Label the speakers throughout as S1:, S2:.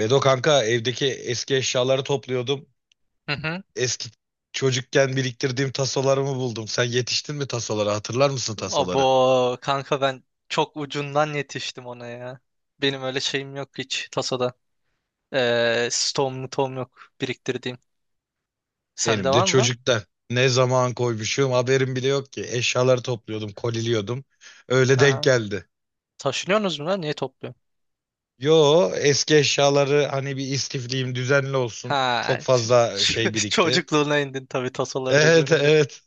S1: Bedo kanka, evdeki eski eşyaları topluyordum.
S2: Hı hı.
S1: Eski Çocukken biriktirdiğim tasolarımı buldum. Sen yetiştin mi tasolara? Hatırlar mısın
S2: Abo
S1: tasoları?
S2: kanka ben çok ucundan yetiştim ona ya. Benim öyle şeyim yok hiç tasada. Stoğum tom yok biriktirdiğim. Sende
S1: Benim de
S2: var mı lan?
S1: çocuktan. Ne zaman koymuşum haberim bile yok ki. Eşyaları topluyordum, koliliyordum. Öyle denk
S2: Aha.
S1: geldi.
S2: Taşınıyorsunuz mu lan? Niye topluyorsun?
S1: Yo, eski eşyaları hani bir istifliyim, düzenli olsun.
S2: Ha,
S1: Çok fazla şey birikti.
S2: çocukluğuna indin tabii tasoları da
S1: Evet,
S2: görünce.
S1: evet.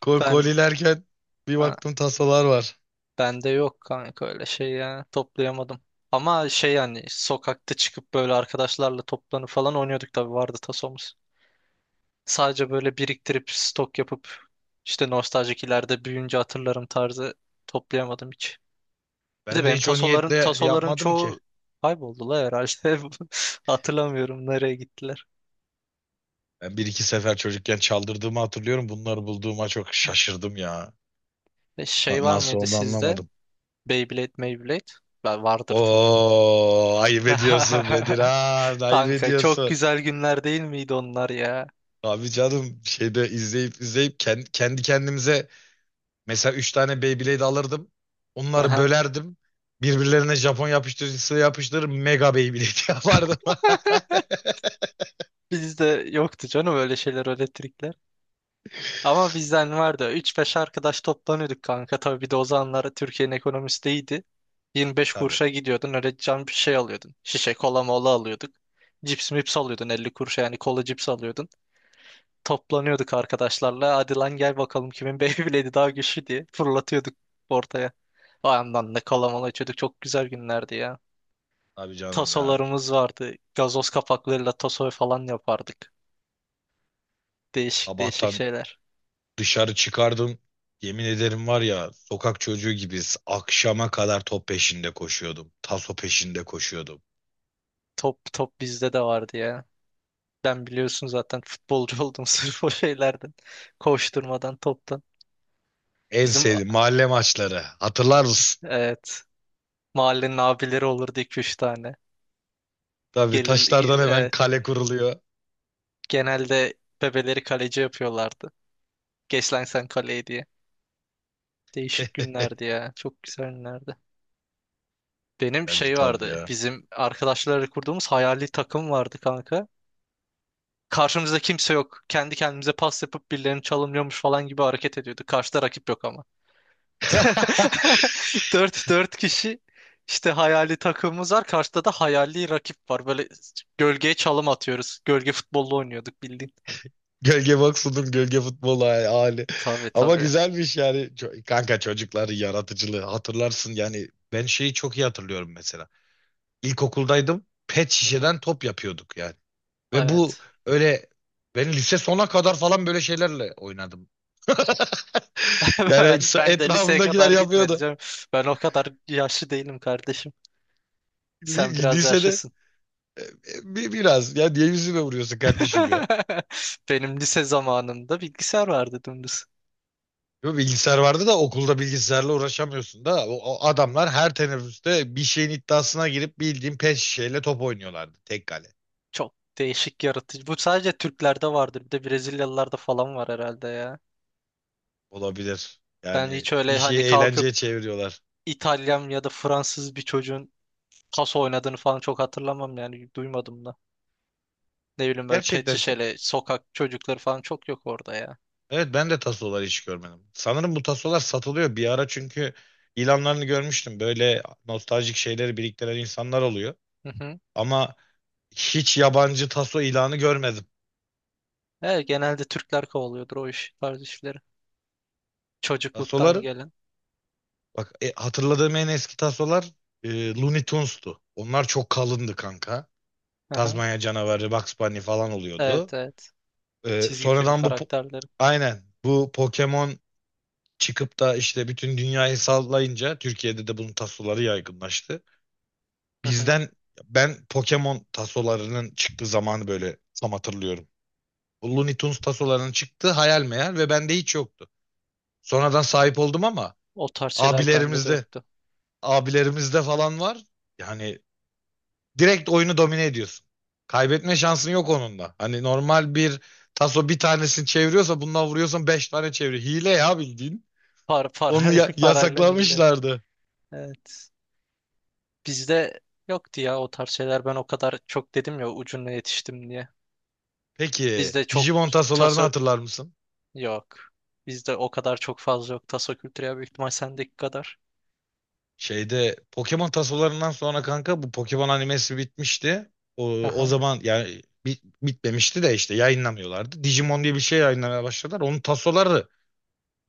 S2: Ben
S1: Kolilerken bir
S2: ha,
S1: baktım, tasolar var.
S2: bende yok kanka öyle şey ya. Toplayamadım. Ama şey yani sokakta çıkıp böyle arkadaşlarla toplanıp falan oynuyorduk tabii vardı tasomuz. Sadece böyle biriktirip stok yapıp işte nostaljik ileride büyüyünce hatırlarım tarzı toplayamadım hiç. Bir de
S1: Ben de
S2: benim
S1: hiç o
S2: tasoların
S1: niyetle
S2: tasoların
S1: yapmadım ki.
S2: çoğu kayboldu la herhalde. Hatırlamıyorum nereye gittiler.
S1: Ben bir iki sefer çocukken çaldırdığımı hatırlıyorum. Bunları bulduğuma çok şaşırdım ya.
S2: Şey var
S1: Nasıl
S2: mıydı
S1: oldu
S2: sizde?
S1: anlamadım.
S2: Beyblade? Ben vardır tabii.
S1: Oo, ayıp ediyorsun Bedir, ha, ayıp
S2: Kanka çok
S1: ediyorsun.
S2: güzel günler değil miydi onlar ya?
S1: Abi canım, şeyde izleyip izleyip kendi kendimize mesela üç tane Beyblade alırdım. Onları
S2: Aha.
S1: bölerdim. Birbirlerine Japon yapıştırıcısı yapıştırır, mega Beyblade yapardım.
S2: Bizde yoktu canım öyle şeyler, öyle trikler. Ama bizden vardı. Üç beş arkadaş toplanıyorduk kanka. Tabii bir de o zamanlar Türkiye'nin ekonomisi de iyiydi. 25
S1: Tabii.
S2: kuruşa gidiyordun öyle can bir şey alıyordun. Şişe kola mola alıyorduk. Cips mips alıyordun 50 kuruşa yani kola cips alıyordun. Toplanıyorduk arkadaşlarla. Hadi lan gel bakalım kimin Beyblade'i daha güçlü diye fırlatıyorduk ortaya. O yandan da kola mola içiyorduk. Çok güzel günlerdi ya.
S1: Tabii canım ya.
S2: Tasolarımız vardı. Gazoz kapaklarıyla taso falan yapardık. Değişik değişik
S1: Sabahtan
S2: şeyler.
S1: Dışarı çıkardım. Yemin ederim var ya, sokak çocuğu gibiyiz. Akşama kadar top peşinde koşuyordum. Taso peşinde koşuyordum.
S2: Top bizde de vardı ya. Ben biliyorsun zaten futbolcu oldum sırf o şeylerden. Koşturmadan, toptan.
S1: En
S2: Bizim
S1: sevdiğim mahalle maçları. Hatırlar mısın?
S2: evet mahallenin abileri olurdu iki üç tane.
S1: Tabii,
S2: Gelir
S1: taşlardan hemen
S2: evet,
S1: kale kuruluyor.
S2: genelde bebeleri kaleci yapıyorlardı. Geç lan sen kaleye diye. Değişik günlerdi ya. Çok güzel günlerdi. Benim
S1: Geldi
S2: şey
S1: tabii
S2: vardı.
S1: ya.
S2: Bizim arkadaşlarla kurduğumuz hayali takım vardı kanka. Karşımızda kimse yok. Kendi kendimize pas yapıp birilerini çalımlıyormuş falan gibi hareket ediyordu. Karşıda rakip yok ama. Dört kişi işte hayali takımımız var. Karşıda da hayali rakip var. Böyle gölgeye çalım atıyoruz. Gölge futbolu oynuyorduk bildiğin.
S1: Gölge boksunun gölge futbolu hali.
S2: Tabii
S1: Ama
S2: tabii.
S1: güzelmiş yani. Kanka, çocukların yaratıcılığı hatırlarsın yani. Ben şeyi çok iyi hatırlıyorum mesela. İlkokuldaydım. Pet
S2: Hı hı.
S1: şişeden top yapıyorduk yani. Ve bu
S2: Evet.
S1: öyle, ben lise sona kadar falan böyle şeylerle oynadım. Yani
S2: Ben, ben de liseye
S1: etrafımdakiler
S2: kadar gitmedi
S1: yapıyordu.
S2: canım. Ben o kadar yaşlı değilim kardeşim. Sen biraz
S1: Lisede
S2: yaşlısın.
S1: biraz ya, niye yüzüme vuruyorsun kardeşim ya?
S2: Benim lise zamanımda bilgisayar vardı dümdüz.
S1: Yo, bilgisayar vardı da okulda bilgisayarla uğraşamıyorsun da o adamlar her teneffüste bir şeyin iddiasına girip bildiğin pet şişeyle top oynuyorlardı tek kale.
S2: Çok değişik yaratıcı. Bu sadece Türklerde vardır. Bir de Brezilyalılarda falan var herhalde ya.
S1: Olabilir.
S2: Ben
S1: Yani
S2: hiç
S1: bir
S2: öyle
S1: şeyi
S2: hani kalkıp
S1: eğlenceye çeviriyorlar.
S2: İtalyan ya da Fransız bir çocuğun taso oynadığını falan çok hatırlamam yani duymadım da. Ne bileyim böyle pet
S1: Gerçekten
S2: şişeli sokak çocukları falan çok yok orada ya.
S1: Evet, ben de tasoları hiç görmedim. Sanırım bu tasolar satılıyor bir ara, çünkü ilanlarını görmüştüm. Böyle nostaljik şeyleri biriktiren insanlar oluyor.
S2: Hı hı.
S1: Ama hiç yabancı taso ilanı görmedim.
S2: Evet, genelde Türkler kovalıyordur o iş tarz işleri. Çocukluktan
S1: Tasoları
S2: gelen.
S1: bak, hatırladığım en eski tasolar e, Looney Tunes'tu. Onlar çok kalındı kanka.
S2: Hı hı.
S1: Tazmanya canavarı, Bugs Bunny falan
S2: Evet
S1: oluyordu.
S2: evet.
S1: E,
S2: Çizgi film
S1: sonradan bu po-
S2: karakterleri.
S1: aynen, bu Pokemon çıkıp da işte bütün dünyayı sallayınca Türkiye'de de bunun tasoları yaygınlaştı.
S2: Hı hı.
S1: Bizden ben Pokemon tasolarının çıktığı zamanı böyle tam hatırlıyorum. Looney Tunes tasolarının çıktığı hayal meyal ve bende hiç yoktu. Sonradan sahip oldum ama
S2: O tarz şeyler bende de
S1: abilerimizde,
S2: yoktu.
S1: abilerimizde falan var. Yani direkt oyunu domine ediyorsun. Kaybetme şansın yok onunla. Hani normal bir taso bir tanesini çeviriyorsa, bundan vuruyorsan beş tane çeviriyor. Hile ya bildiğin. Onu
S2: Parayla hile.
S1: yasaklamışlardı.
S2: Evet. Bizde yoktu ya o tarz şeyler. Ben o kadar çok dedim ya ucuna yetiştim diye.
S1: Peki
S2: Bizde çok
S1: Digimon tasolarını
S2: taso
S1: hatırlar mısın?
S2: yok. Bizde o kadar çok fazla yok. Taso kültürü ya büyük ihtimal sendeki kadar.
S1: Şeyde Pokemon tasolarından sonra kanka, bu Pokemon animesi bitmişti. O
S2: Aha.
S1: zaman yani bitmemişti de işte yayınlamıyorlardı. Digimon diye bir şey yayınlamaya başladılar. Onun tasoları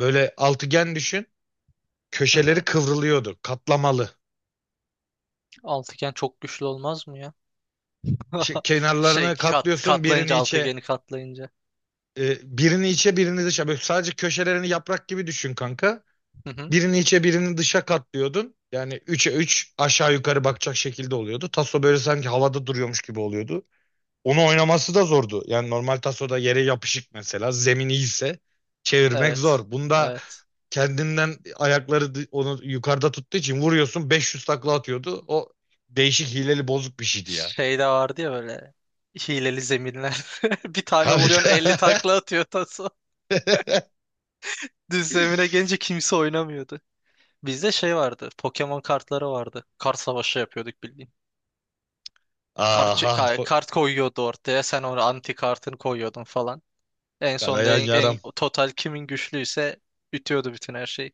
S1: böyle altıgen düşün.
S2: Hı
S1: Köşeleri
S2: hı.
S1: kıvrılıyordu. Katlamalı.
S2: Altıgen çok güçlü olmaz mı ya?
S1: İşte kenarlarını katlıyorsun, birini
S2: Katlayınca
S1: içe
S2: altıgeni katlayınca.
S1: birini içe birini dışa. Böyle sadece köşelerini yaprak gibi düşün kanka.
S2: Hı hı.
S1: Birini içe birini dışa katlıyordun. Yani 3'e 3 aşağı yukarı bakacak şekilde oluyordu. Taso böyle sanki havada duruyormuş gibi oluyordu. Onu oynaması da zordu. Yani normal tasoda yere yapışık, mesela zemin iyiyse çevirmek
S2: Evet.
S1: zor. Bunda
S2: Evet.
S1: kendinden ayakları onu yukarıda tuttuğu için vuruyorsun, 500 takla atıyordu. O değişik, hileli, bozuk bir şeydi ya.
S2: Şey de vardı ya böyle hileli zeminler. Bir tane
S1: Tabii.
S2: vuruyorsun 50 takla atıyor taso. Düz zemine gelince kimse oynamıyordu. Bizde şey vardı. Pokemon kartları vardı. Kart savaşı yapıyorduk bildiğin.
S1: Aha bu-
S2: Kart koyuyordu ortaya. Sen onu anti kartını koyuyordun falan. En sonunda
S1: Kanayan
S2: en
S1: yaram.
S2: total kimin güçlüyse bitiyordu bütün her şey.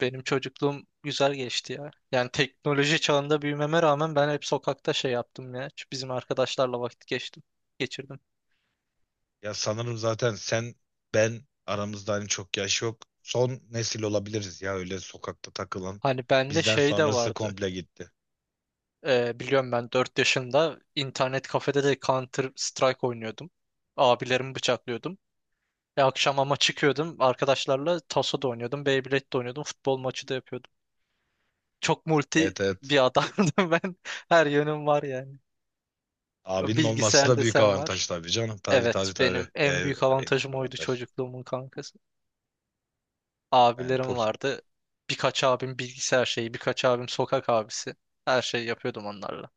S2: Benim çocukluğum güzel geçti ya. Yani teknoloji çağında büyümeme rağmen ben hep sokakta şey yaptım ya. Şu bizim arkadaşlarla geçirdim.
S1: Ya sanırım zaten sen ben aramızda hani çok yaş yok. Son nesil olabiliriz ya öyle sokakta takılan.
S2: Hani bende
S1: Bizden
S2: şey de
S1: sonrası
S2: vardı.
S1: komple gitti.
S2: Biliyorum ben 4 yaşında internet kafede de Counter Strike oynuyordum. Abilerimi bıçaklıyordum. E, akşam ama çıkıyordum arkadaşlarla taso da oynuyordum, Beyblade de oynuyordum, futbol maçı da yapıyordum. Çok multi
S1: Evet, evet.
S2: bir adamdım ben. Her yönüm var yani.
S1: Abinin olması
S2: Bilgisayar
S1: da büyük
S2: desen var.
S1: avantaj tabii canım. Tabii,
S2: Evet,
S1: tabii, tabii.
S2: benim en
S1: Yani
S2: büyük
S1: en büyük
S2: avantajım oydu
S1: avantaj.
S2: çocukluğumun kankası.
S1: Yani
S2: Abilerim
S1: Poki,
S2: vardı. Birkaç abim bilgisayar şeyi, birkaç abim sokak abisi. Her şeyi yapıyordum onlarla.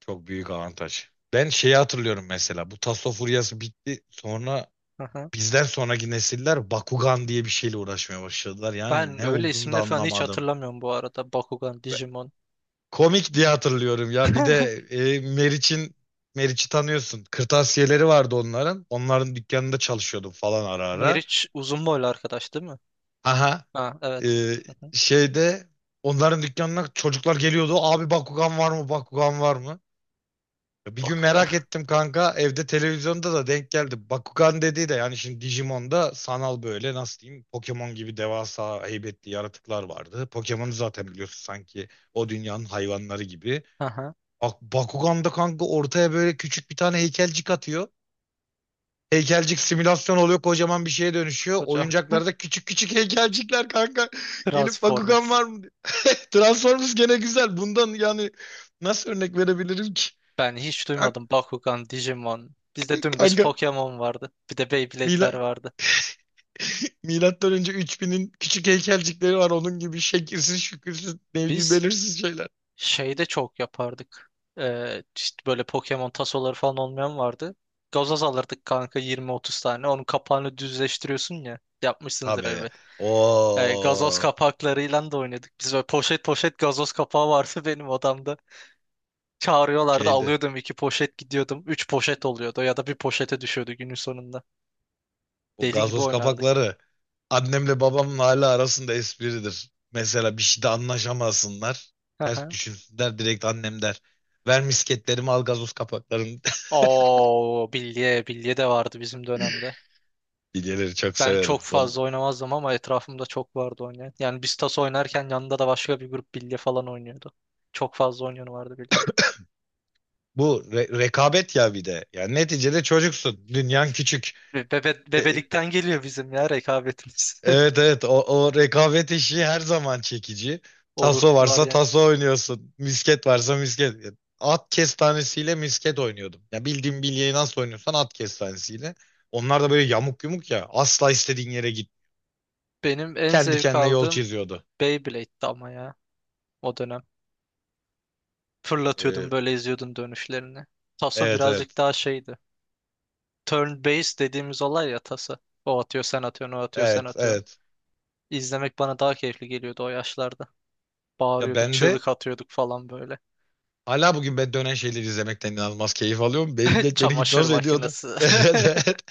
S1: çok büyük avantaj. Ben şeyi hatırlıyorum mesela. Bu Tasso furyası bitti. Sonra
S2: Aha.
S1: bizden sonraki nesiller Bakugan diye bir şeyle uğraşmaya başladılar. Yani
S2: Ben
S1: ne
S2: öyle
S1: olduğunu da
S2: isimler falan hiç
S1: anlamadım.
S2: hatırlamıyorum bu arada. Bakugan, Digimon.
S1: Komik diye hatırlıyorum ya. Bir de e, Meriç'in Meriç'i tanıyorsun. Kırtasiyeleri vardı onların. Onların dükkanında çalışıyordum falan ara ara.
S2: Meriç uzun boylu arkadaş değil mi?
S1: Aha.
S2: Ha, evet.
S1: Ee,
S2: Aha.
S1: Şeyde onların dükkanına çocuklar geliyordu. Abi, Bakugan var mı? Bakugan var mı? Ya, bir gün
S2: Bakugan.
S1: merak ettim kanka. Evde televizyonda da denk geldi. Bakugan dediği de yani, şimdi Digimon'da sanal böyle, nasıl diyeyim, Pokemon gibi devasa heybetli yaratıklar vardı. Pokemon'u zaten biliyorsun sanki, o dünyanın hayvanları gibi.
S2: Aha.
S1: Bakugan'da kanka, ortaya böyle küçük bir tane heykelcik atıyor. Heykelcik simülasyon oluyor, kocaman bir şeye dönüşüyor.
S2: Hocam.
S1: Oyuncaklarda küçük küçük heykelcikler kanka. Gelip Bakugan
S2: Transformers.
S1: var mı? Diyor. Transformers gene güzel. Bundan yani nasıl örnek verebilirim ki?
S2: Ben hiç
S1: Kan-
S2: duymadım Bakugan, Digimon. Bizde dümdüz
S1: Kanka,
S2: Pokemon vardı. Bir de
S1: Mila
S2: Beyblade'ler vardı.
S1: Milattan önce 3000'in küçük heykelcikleri var. Onun gibi şekilsiz, şükürsüz, neydi,
S2: Biz
S1: belirsiz şeyler.
S2: şey de çok yapardık. İşte böyle Pokemon tasoları falan olmayan vardı. Gazoz alırdık kanka 20-30 tane. Onun kapağını düzleştiriyorsun ya. Yapmışsınızdır
S1: Tabii.
S2: elbet. Gazoz
S1: O
S2: kapaklarıyla da oynadık. Biz böyle poşet poşet gazoz kapağı vardı benim odamda. Çağırıyorlardı
S1: şeydi,
S2: alıyordum iki poşet gidiyordum. Üç poşet oluyordu ya da bir poşete düşüyordu günün sonunda.
S1: o
S2: Deli gibi
S1: gazoz
S2: oynardık.
S1: kapakları. Annemle babamın hala arasında espridir. Mesela bir şeyde anlaşamasınlar. Ters
S2: Aha.
S1: düşünsünler, direkt annem der. Ver misketlerimi, al gazoz kapaklarını.
S2: Oo, bilye de vardı bizim dönemde.
S1: Bilyeleri çok
S2: Ben
S1: severim.
S2: çok fazla
S1: Vallahi.
S2: oynamazdım ama etrafımda çok vardı oynayan. Yani biz tas oynarken yanında da başka bir grup bilye falan oynuyordu. Çok fazla oynayan vardı bilyede.
S1: Bu rekabet ya bir de. Yani neticede çocuksun.
S2: E,
S1: Dünyan küçük. E,
S2: Bebelikten geliyor bizim ya rekabetimiz.
S1: Evet, evet, o rekabet işi her zaman çekici.
S2: O ruh
S1: Taso
S2: var
S1: varsa
S2: yani.
S1: taso oynuyorsun. Misket varsa misket. At kestanesiyle misket oynuyordum. Ya, bildiğim bilyeyi nasıl oynuyorsan at kestanesiyle. Onlar da böyle yamuk yumuk ya. Asla istediğin yere git.
S2: Benim en
S1: Kendi
S2: zevk
S1: kendine yol
S2: aldığım
S1: çiziyordu.
S2: Beyblade'di ama ya o dönem. Fırlatıyordum
S1: Ee,
S2: böyle izliyordum dönüşlerini. Taso
S1: evet
S2: birazcık
S1: evet.
S2: daha şeydi. Turn based dediğimiz olay ya tası. O atıyor sen atıyorsun o atıyor sen
S1: Evet,
S2: atıyorsun.
S1: evet.
S2: İzlemek bana daha keyifli geliyordu o yaşlarda.
S1: Ya
S2: Bağırıyorduk,
S1: ben de
S2: çığlık atıyorduk falan böyle.
S1: hala bugün, ben dönen şeyleri izlemekten inanılmaz keyif alıyorum. Beyblade beni
S2: Çamaşır
S1: hipnoz ediyordu.
S2: makinesi.
S1: Evet, evet.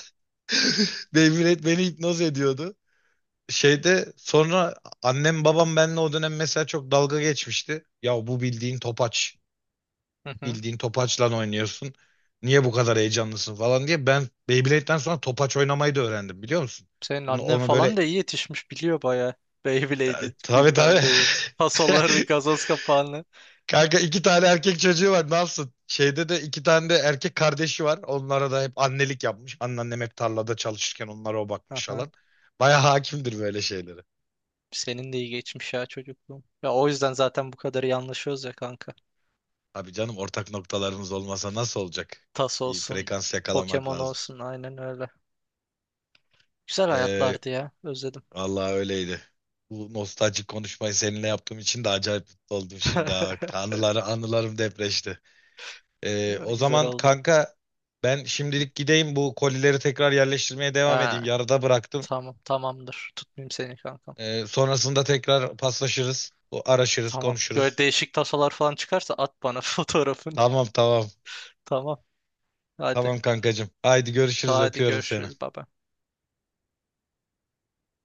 S1: Beyblade beni hipnoz ediyordu. Şeyde sonra Annem babam benle o dönem mesela çok dalga geçmişti. Ya bu bildiğin topaç.
S2: Hı hı.
S1: Bildiğin topaçla oynuyorsun. Niye bu kadar heyecanlısın falan diye. Ben Beyblade'den sonra topaç oynamayı da öğrendim, biliyor musun?
S2: Senin
S1: Bunu
S2: annen
S1: onu böyle,
S2: falan da iyi yetişmiş biliyor baya.
S1: e,
S2: Beyblade'i
S1: tabii,
S2: bilmem
S1: tabii.
S2: neyi. Fasolları, gazoz kapağını.
S1: Kanka, iki tane erkek çocuğu var, ne yapsın? Şeyde de iki tane de erkek kardeşi var. Onlara da hep annelik yapmış. Anneannem hep tarlada çalışırken onlara o bakmış
S2: Aha.
S1: falan. Baya hakimdir böyle şeylere.
S2: Senin de iyi geçmiş ya çocukluğum. Ya o yüzden zaten bu kadar iyi anlaşıyoruz ya kanka.
S1: Abi canım, ortak noktalarımız olmasa nasıl olacak?
S2: Tas
S1: Bir
S2: olsun,
S1: frekans yakalamak
S2: Pokemon
S1: lazım.
S2: olsun aynen öyle. Güzel
S1: Ee,
S2: hayatlardı ya. Özledim.
S1: Vallahi öyleydi. Bu nostaljik konuşmayı seninle yaptığım için de acayip mutlu oldum şimdi, ha. Anılarım depreşti.
S2: Ya,
S1: O
S2: güzel
S1: zaman
S2: oldu.
S1: kanka, ben şimdilik gideyim, bu kolileri tekrar yerleştirmeye devam edeyim.
S2: Ha,
S1: Yarıda bıraktım.
S2: tamam tamamdır. Tutmayayım seni kankam.
S1: Sonrasında tekrar paslaşırız. Araşırız,
S2: Tamam. Böyle
S1: konuşuruz.
S2: değişik tasolar falan çıkarsa at bana fotoğrafını.
S1: Tamam, tamam.
S2: Tamam. Hadi.
S1: Tamam kankacığım. Haydi
S2: Ta
S1: görüşürüz,
S2: hadi
S1: öpüyorum seni.
S2: görüşürüz baba.